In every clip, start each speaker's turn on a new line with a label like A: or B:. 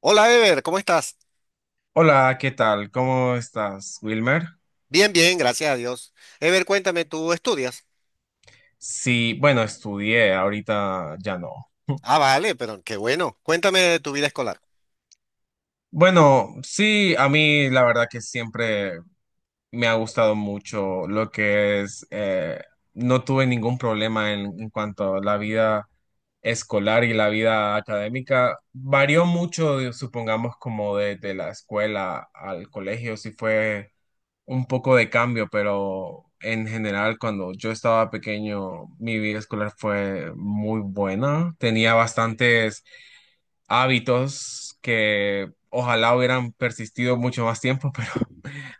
A: Hola, Ever, ¿cómo estás?
B: Hola, ¿qué tal? ¿Cómo estás, Wilmer?
A: Bien, bien, gracias a Dios. Ever, cuéntame, ¿tú estudias?
B: Sí, bueno, estudié, ahorita ya no.
A: Ah, vale, pero qué bueno. Cuéntame de tu vida escolar.
B: Bueno, sí, a mí la verdad que siempre me ha gustado mucho lo que es, no tuve ningún problema en cuanto a la vida escolar y la vida académica. Varió mucho, supongamos, como de la escuela al colegio, si fue un poco de cambio, pero en general cuando yo estaba pequeño, mi vida escolar fue muy buena. Tenía bastantes hábitos que ojalá hubieran persistido mucho más tiempo, pero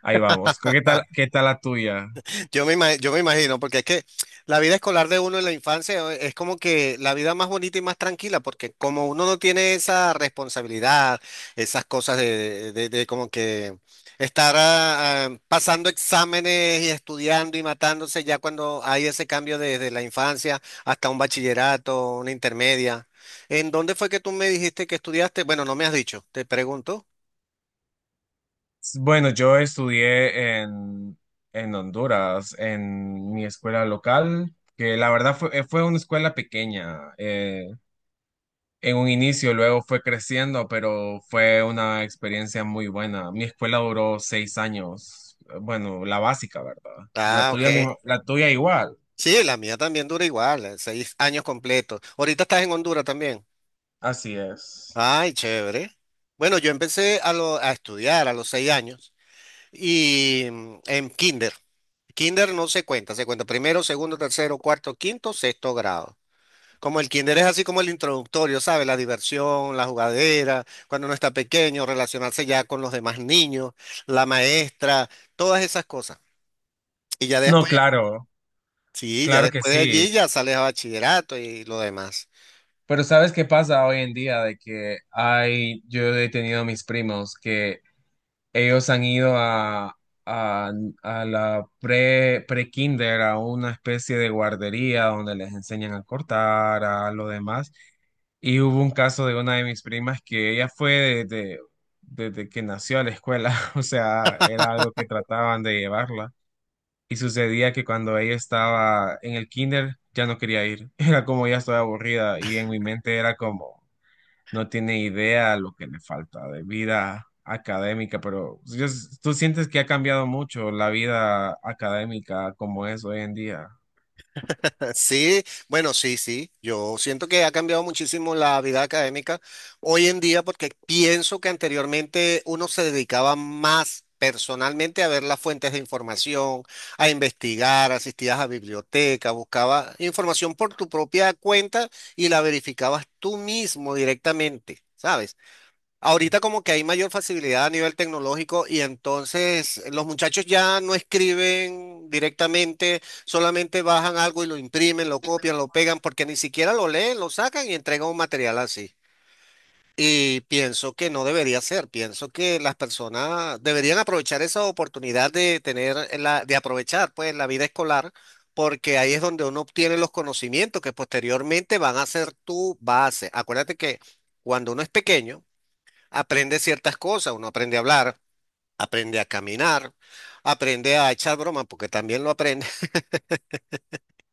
B: ahí vamos. Qué tal la tuya?
A: Yo me imagino, porque es que la vida escolar de uno en la infancia es como que la vida más bonita y más tranquila, porque como uno no tiene esa responsabilidad, esas cosas de como que estar pasando exámenes y estudiando y matándose ya cuando hay ese cambio desde la infancia hasta un bachillerato, una intermedia. ¿En dónde fue que tú me dijiste que estudiaste? Bueno, no me has dicho, te pregunto.
B: Bueno, yo estudié en Honduras, en mi escuela local, que la verdad fue, fue una escuela pequeña. En un inicio, luego fue creciendo, pero fue una experiencia muy buena. Mi escuela duró seis años, bueno, la básica, ¿verdad? La
A: Ah, ok.
B: tuya, la tuya igual.
A: Sí, la mía también dura igual, 6 años completos. Ahorita estás en Honduras también.
B: Así es.
A: Ay, chévere. Bueno, yo empecé a estudiar a los 6 años y en kinder. Kinder no se cuenta, se cuenta primero, segundo, tercero, cuarto, quinto, sexto grado. Como el kinder es así como el introductorio, ¿sabes? La diversión, la jugadera, cuando uno está pequeño, relacionarse ya con los demás niños, la maestra, todas esas cosas. Y ya
B: No,
A: después,
B: claro,
A: sí, ya
B: claro que
A: después de
B: sí.
A: allí ya sales a bachillerato y lo demás.
B: Pero ¿sabes qué pasa hoy en día? De que hay, yo he tenido mis primos que ellos han ido a, a la pre-kinder, a una especie de guardería donde les enseñan a cortar, a lo demás. Y hubo un caso de una de mis primas que ella fue desde que nació a la escuela, o sea, era algo que trataban de llevarla. Y sucedía que cuando ella estaba en el kinder ya no quería ir, era como ya estoy aburrida y en mi mente era como no tiene idea lo que le falta de vida académica, pero pues, tú sientes que ha cambiado mucho la vida académica como es hoy en día.
A: Sí, bueno, sí, sí. Yo siento que ha cambiado muchísimo la vida académica hoy en día porque pienso que anteriormente uno se dedicaba más personalmente a ver las fuentes de información, a investigar, asistías a biblioteca, buscaba información por tu propia cuenta y la verificabas tú mismo directamente, ¿sabes? Ahorita como que hay mayor facilidad a nivel tecnológico y entonces los muchachos ya no escriben directamente, solamente bajan algo y lo imprimen, lo copian, lo pegan, porque ni siquiera lo leen, lo sacan y entregan un material así. Y pienso que no debería ser, pienso que las personas deberían aprovechar esa oportunidad de tener la, de aprovechar pues la vida escolar, porque ahí es donde uno obtiene los conocimientos que posteriormente van a ser tu base. Acuérdate que cuando uno es pequeño, aprende ciertas cosas, uno aprende a hablar, aprende a caminar, aprende a echar broma, porque también lo aprende.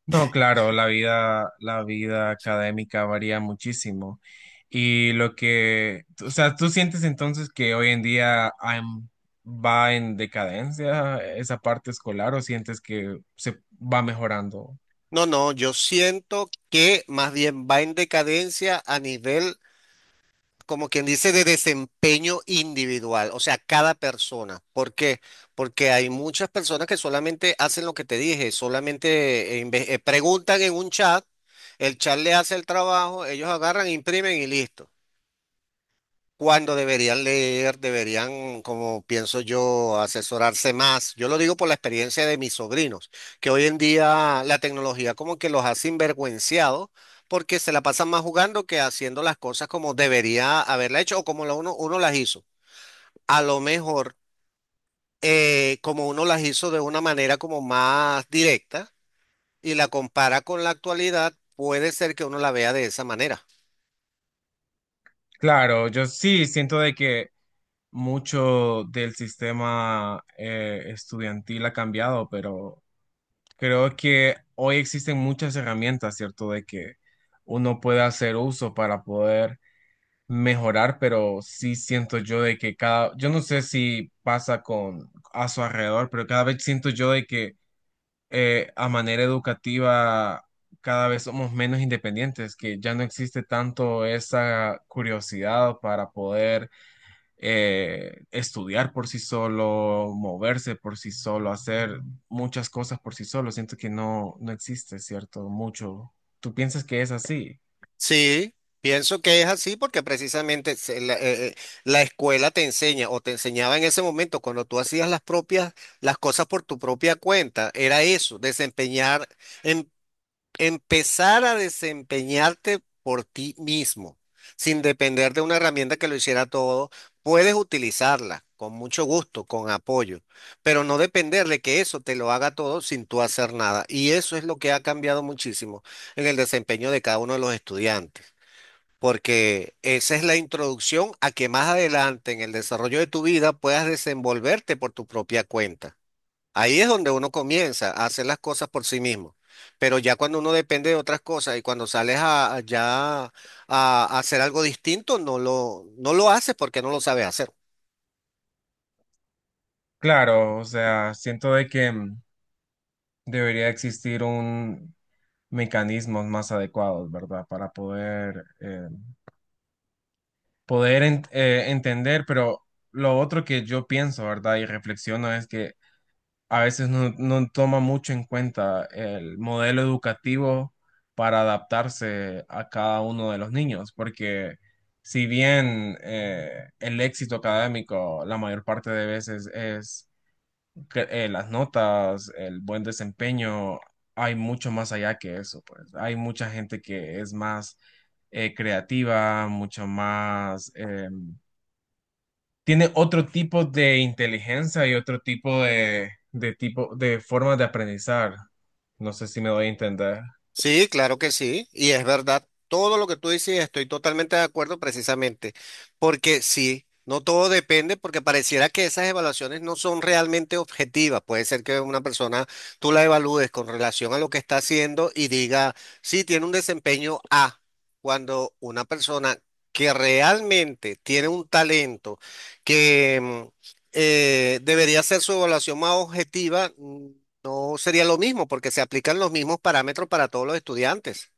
B: No, claro, la vida académica varía muchísimo. Y lo que, o sea, ¿tú sientes entonces que hoy en día va en decadencia esa parte escolar o sientes que se va mejorando?
A: No, no, yo siento que más bien va en decadencia a nivel, como quien dice, de desempeño individual, o sea, cada persona. ¿Por qué? Porque hay muchas personas que solamente hacen lo que te dije, solamente preguntan en un chat, el chat le hace el trabajo, ellos agarran, imprimen y listo. Cuando deberían leer, deberían, como pienso yo, asesorarse más. Yo lo digo por la experiencia de mis sobrinos, que hoy en día la tecnología como que los ha sinvergüenciado porque se la pasan más jugando que haciendo las cosas como debería haberla hecho o como lo uno las hizo. A lo mejor, como uno las hizo de una manera como más directa y la compara con la actualidad, puede ser que uno la vea de esa manera.
B: Claro, yo sí siento de que mucho del sistema estudiantil ha cambiado, pero creo que hoy existen muchas herramientas, ¿cierto? De que uno puede hacer uso para poder mejorar, pero sí siento yo de que cada, yo no sé si pasa con a su alrededor, pero cada vez siento yo de que a manera educativa cada vez somos menos independientes, que ya no existe tanto esa curiosidad para poder estudiar por sí solo, moverse por sí solo, hacer muchas cosas por sí solo. Siento que no, no existe, ¿cierto? Mucho. ¿Tú piensas que es así?
A: Sí, pienso que es así porque precisamente la escuela te enseña o te enseñaba en ese momento cuando tú hacías las propias, las cosas por tu propia cuenta, era eso, desempeñar, em- empezar a desempeñarte por ti mismo, sin depender de una herramienta que lo hiciera todo, puedes utilizarla con mucho gusto, con apoyo, pero no depender de que eso te lo haga todo sin tú hacer nada. Y eso es lo que ha cambiado muchísimo en el desempeño de cada uno de los estudiantes porque esa es la introducción a que más adelante en el desarrollo de tu vida puedas desenvolverte por tu propia cuenta. Ahí es donde uno comienza a hacer las cosas por sí mismo. Pero ya cuando uno depende de otras cosas y cuando sales a hacer algo distinto, no lo haces porque no lo sabes hacer.
B: Claro, o sea, siento de que debería existir un mecanismos más adecuados, ¿verdad? Para poder, poder entender, pero lo otro que yo pienso, ¿verdad? Y reflexiono es que a veces no, no toma mucho en cuenta el modelo educativo para adaptarse a cada uno de los niños, porque si bien el éxito académico la mayor parte de veces es las notas, el buen desempeño, hay mucho más allá que eso, pues. Hay mucha gente que es más creativa, mucho más, tiene otro tipo de inteligencia y otro tipo de tipo de formas de aprendizar. No sé si me doy a entender.
A: Sí, claro que sí, y es verdad, todo lo que tú dices, estoy totalmente de acuerdo precisamente, porque sí, no todo depende, porque pareciera que esas evaluaciones no son realmente objetivas, puede ser que una persona tú la evalúes con relación a lo que está haciendo y diga, sí, tiene un desempeño A, cuando una persona que realmente tiene un talento que debería ser su evaluación más objetiva. No sería lo mismo porque se aplican los mismos parámetros para todos los estudiantes.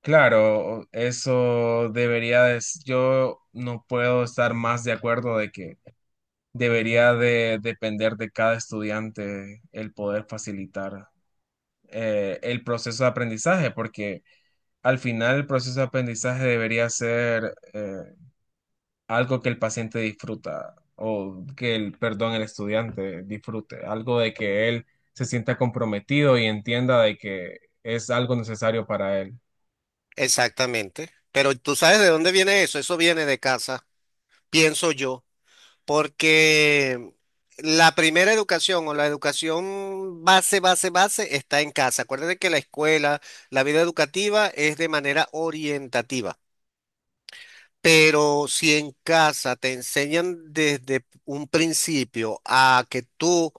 B: Claro, eso debería de, yo no puedo estar más de acuerdo de que debería de depender de cada estudiante el poder facilitar. El proceso de aprendizaje, porque al final el proceso de aprendizaje debería ser algo que el paciente disfruta o que el, perdón, el estudiante disfrute, algo de que él se sienta comprometido y entienda de que es algo necesario para él.
A: Exactamente. Pero tú sabes de dónde viene eso. Eso viene de casa, pienso yo, porque la primera educación o la educación base, base, base está en casa. Acuérdate que la escuela, la vida educativa es de manera orientativa. Pero si en casa te enseñan desde un principio a que tú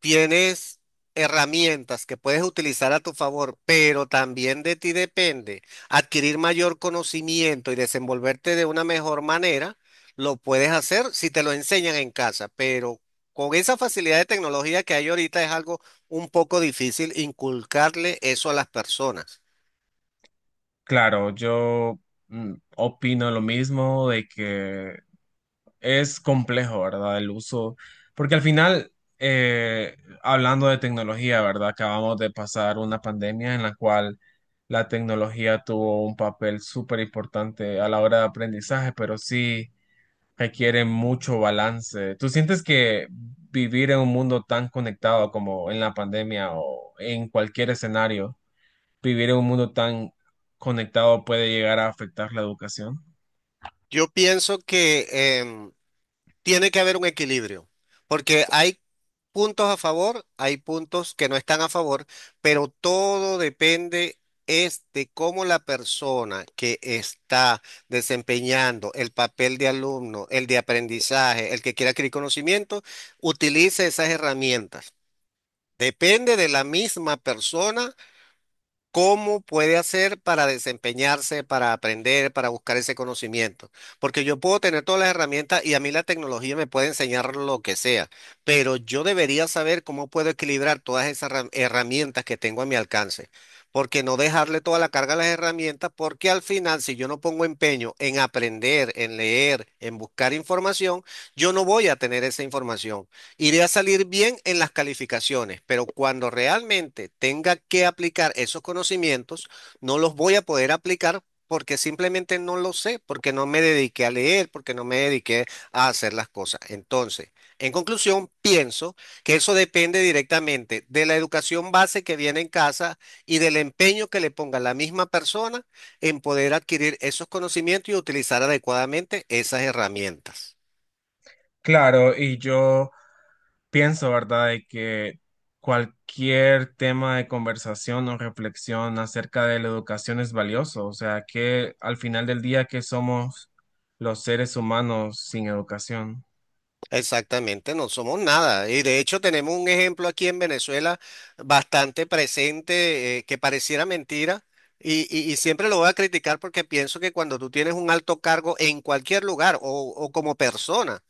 A: tienes herramientas que puedes utilizar a tu favor, pero también de ti depende adquirir mayor conocimiento y desenvolverte de una mejor manera, lo puedes hacer si te lo enseñan en casa, pero con esa facilidad de tecnología que hay ahorita es algo un poco difícil inculcarle eso a las personas.
B: Claro, yo opino lo mismo de que es complejo, ¿verdad? El uso, porque al final, eh, hablando de tecnología, ¿verdad? Acabamos de pasar una pandemia en la cual la tecnología tuvo un papel súper importante a la hora de aprendizaje, pero sí requiere mucho balance. ¿Tú sientes que vivir en un mundo tan conectado como en la pandemia o en cualquier escenario, vivir en un mundo tan conectado puede llegar a afectar la educación?
A: Yo pienso que... em, tiene que haber un equilibrio, porque hay puntos a favor, hay puntos que no están a favor, pero todo depende es de cómo la persona que está desempeñando el papel de alumno, el de aprendizaje, el que quiera adquirir conocimiento, utilice esas herramientas. Depende de la misma persona. ¿Cómo puede hacer para desempeñarse, para aprender, para buscar ese conocimiento? Porque yo puedo tener todas las herramientas y a mí la tecnología me puede enseñar lo que sea, pero yo debería saber cómo puedo equilibrar todas esas herramientas que tengo a mi alcance. Porque no dejarle toda la carga a las herramientas, porque al final, si yo no pongo empeño en aprender, en leer, en buscar información, yo no voy a tener esa información. Iré a salir bien en las calificaciones, pero cuando realmente tenga que aplicar esos conocimientos, no los voy a poder aplicar porque simplemente no lo sé, porque no me dediqué a leer, porque no me dediqué a hacer las cosas. Entonces, en conclusión, pienso que eso depende directamente de la educación base que viene en casa y del empeño que le ponga la misma persona en poder adquirir esos conocimientos y utilizar adecuadamente esas herramientas.
B: Claro, y yo pienso, ¿verdad?, de que cualquier tema de conversación o reflexión acerca de la educación es valioso, o sea, que al final del día, ¿que somos los seres humanos sin educación?
A: Exactamente, no somos nada. Y de hecho tenemos un ejemplo aquí en Venezuela bastante presente, que pareciera mentira. Y, y siempre lo voy a criticar porque pienso que cuando tú tienes un alto cargo en cualquier lugar o como persona,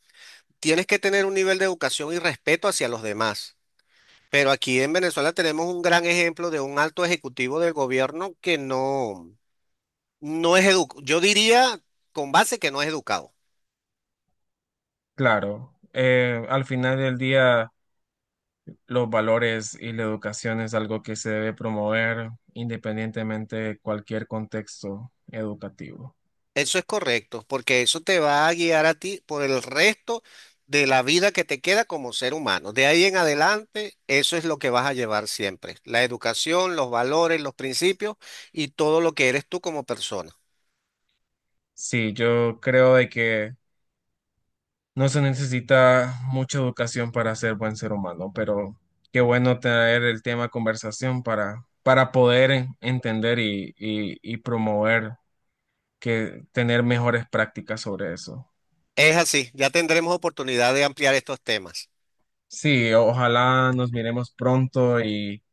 A: tienes que tener un nivel de educación y respeto hacia los demás. Pero aquí en Venezuela tenemos un gran ejemplo de un alto ejecutivo del gobierno que no, no es educado. Yo diría con base que no es educado.
B: Claro, al final del día, los valores y la educación es algo que se debe promover independientemente de cualquier contexto educativo.
A: Eso es correcto, porque eso te va a guiar a ti por el resto de la vida que te queda como ser humano. De ahí en adelante, eso es lo que vas a llevar siempre. La educación, los valores, los principios y todo lo que eres tú como persona.
B: Sí, yo creo de que no se necesita mucha educación para ser buen ser humano, pero qué bueno traer el tema a conversación para poder entender y promover que tener mejores prácticas sobre eso.
A: Es así, ya tendremos oportunidad de ampliar estos temas.
B: Sí, ojalá nos miremos pronto y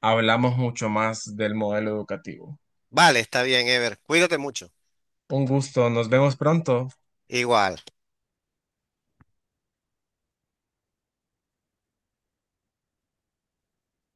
B: hablamos mucho más del modelo educativo.
A: Vale, está bien, Ever. Cuídate mucho.
B: Un gusto, nos vemos pronto.
A: Igual.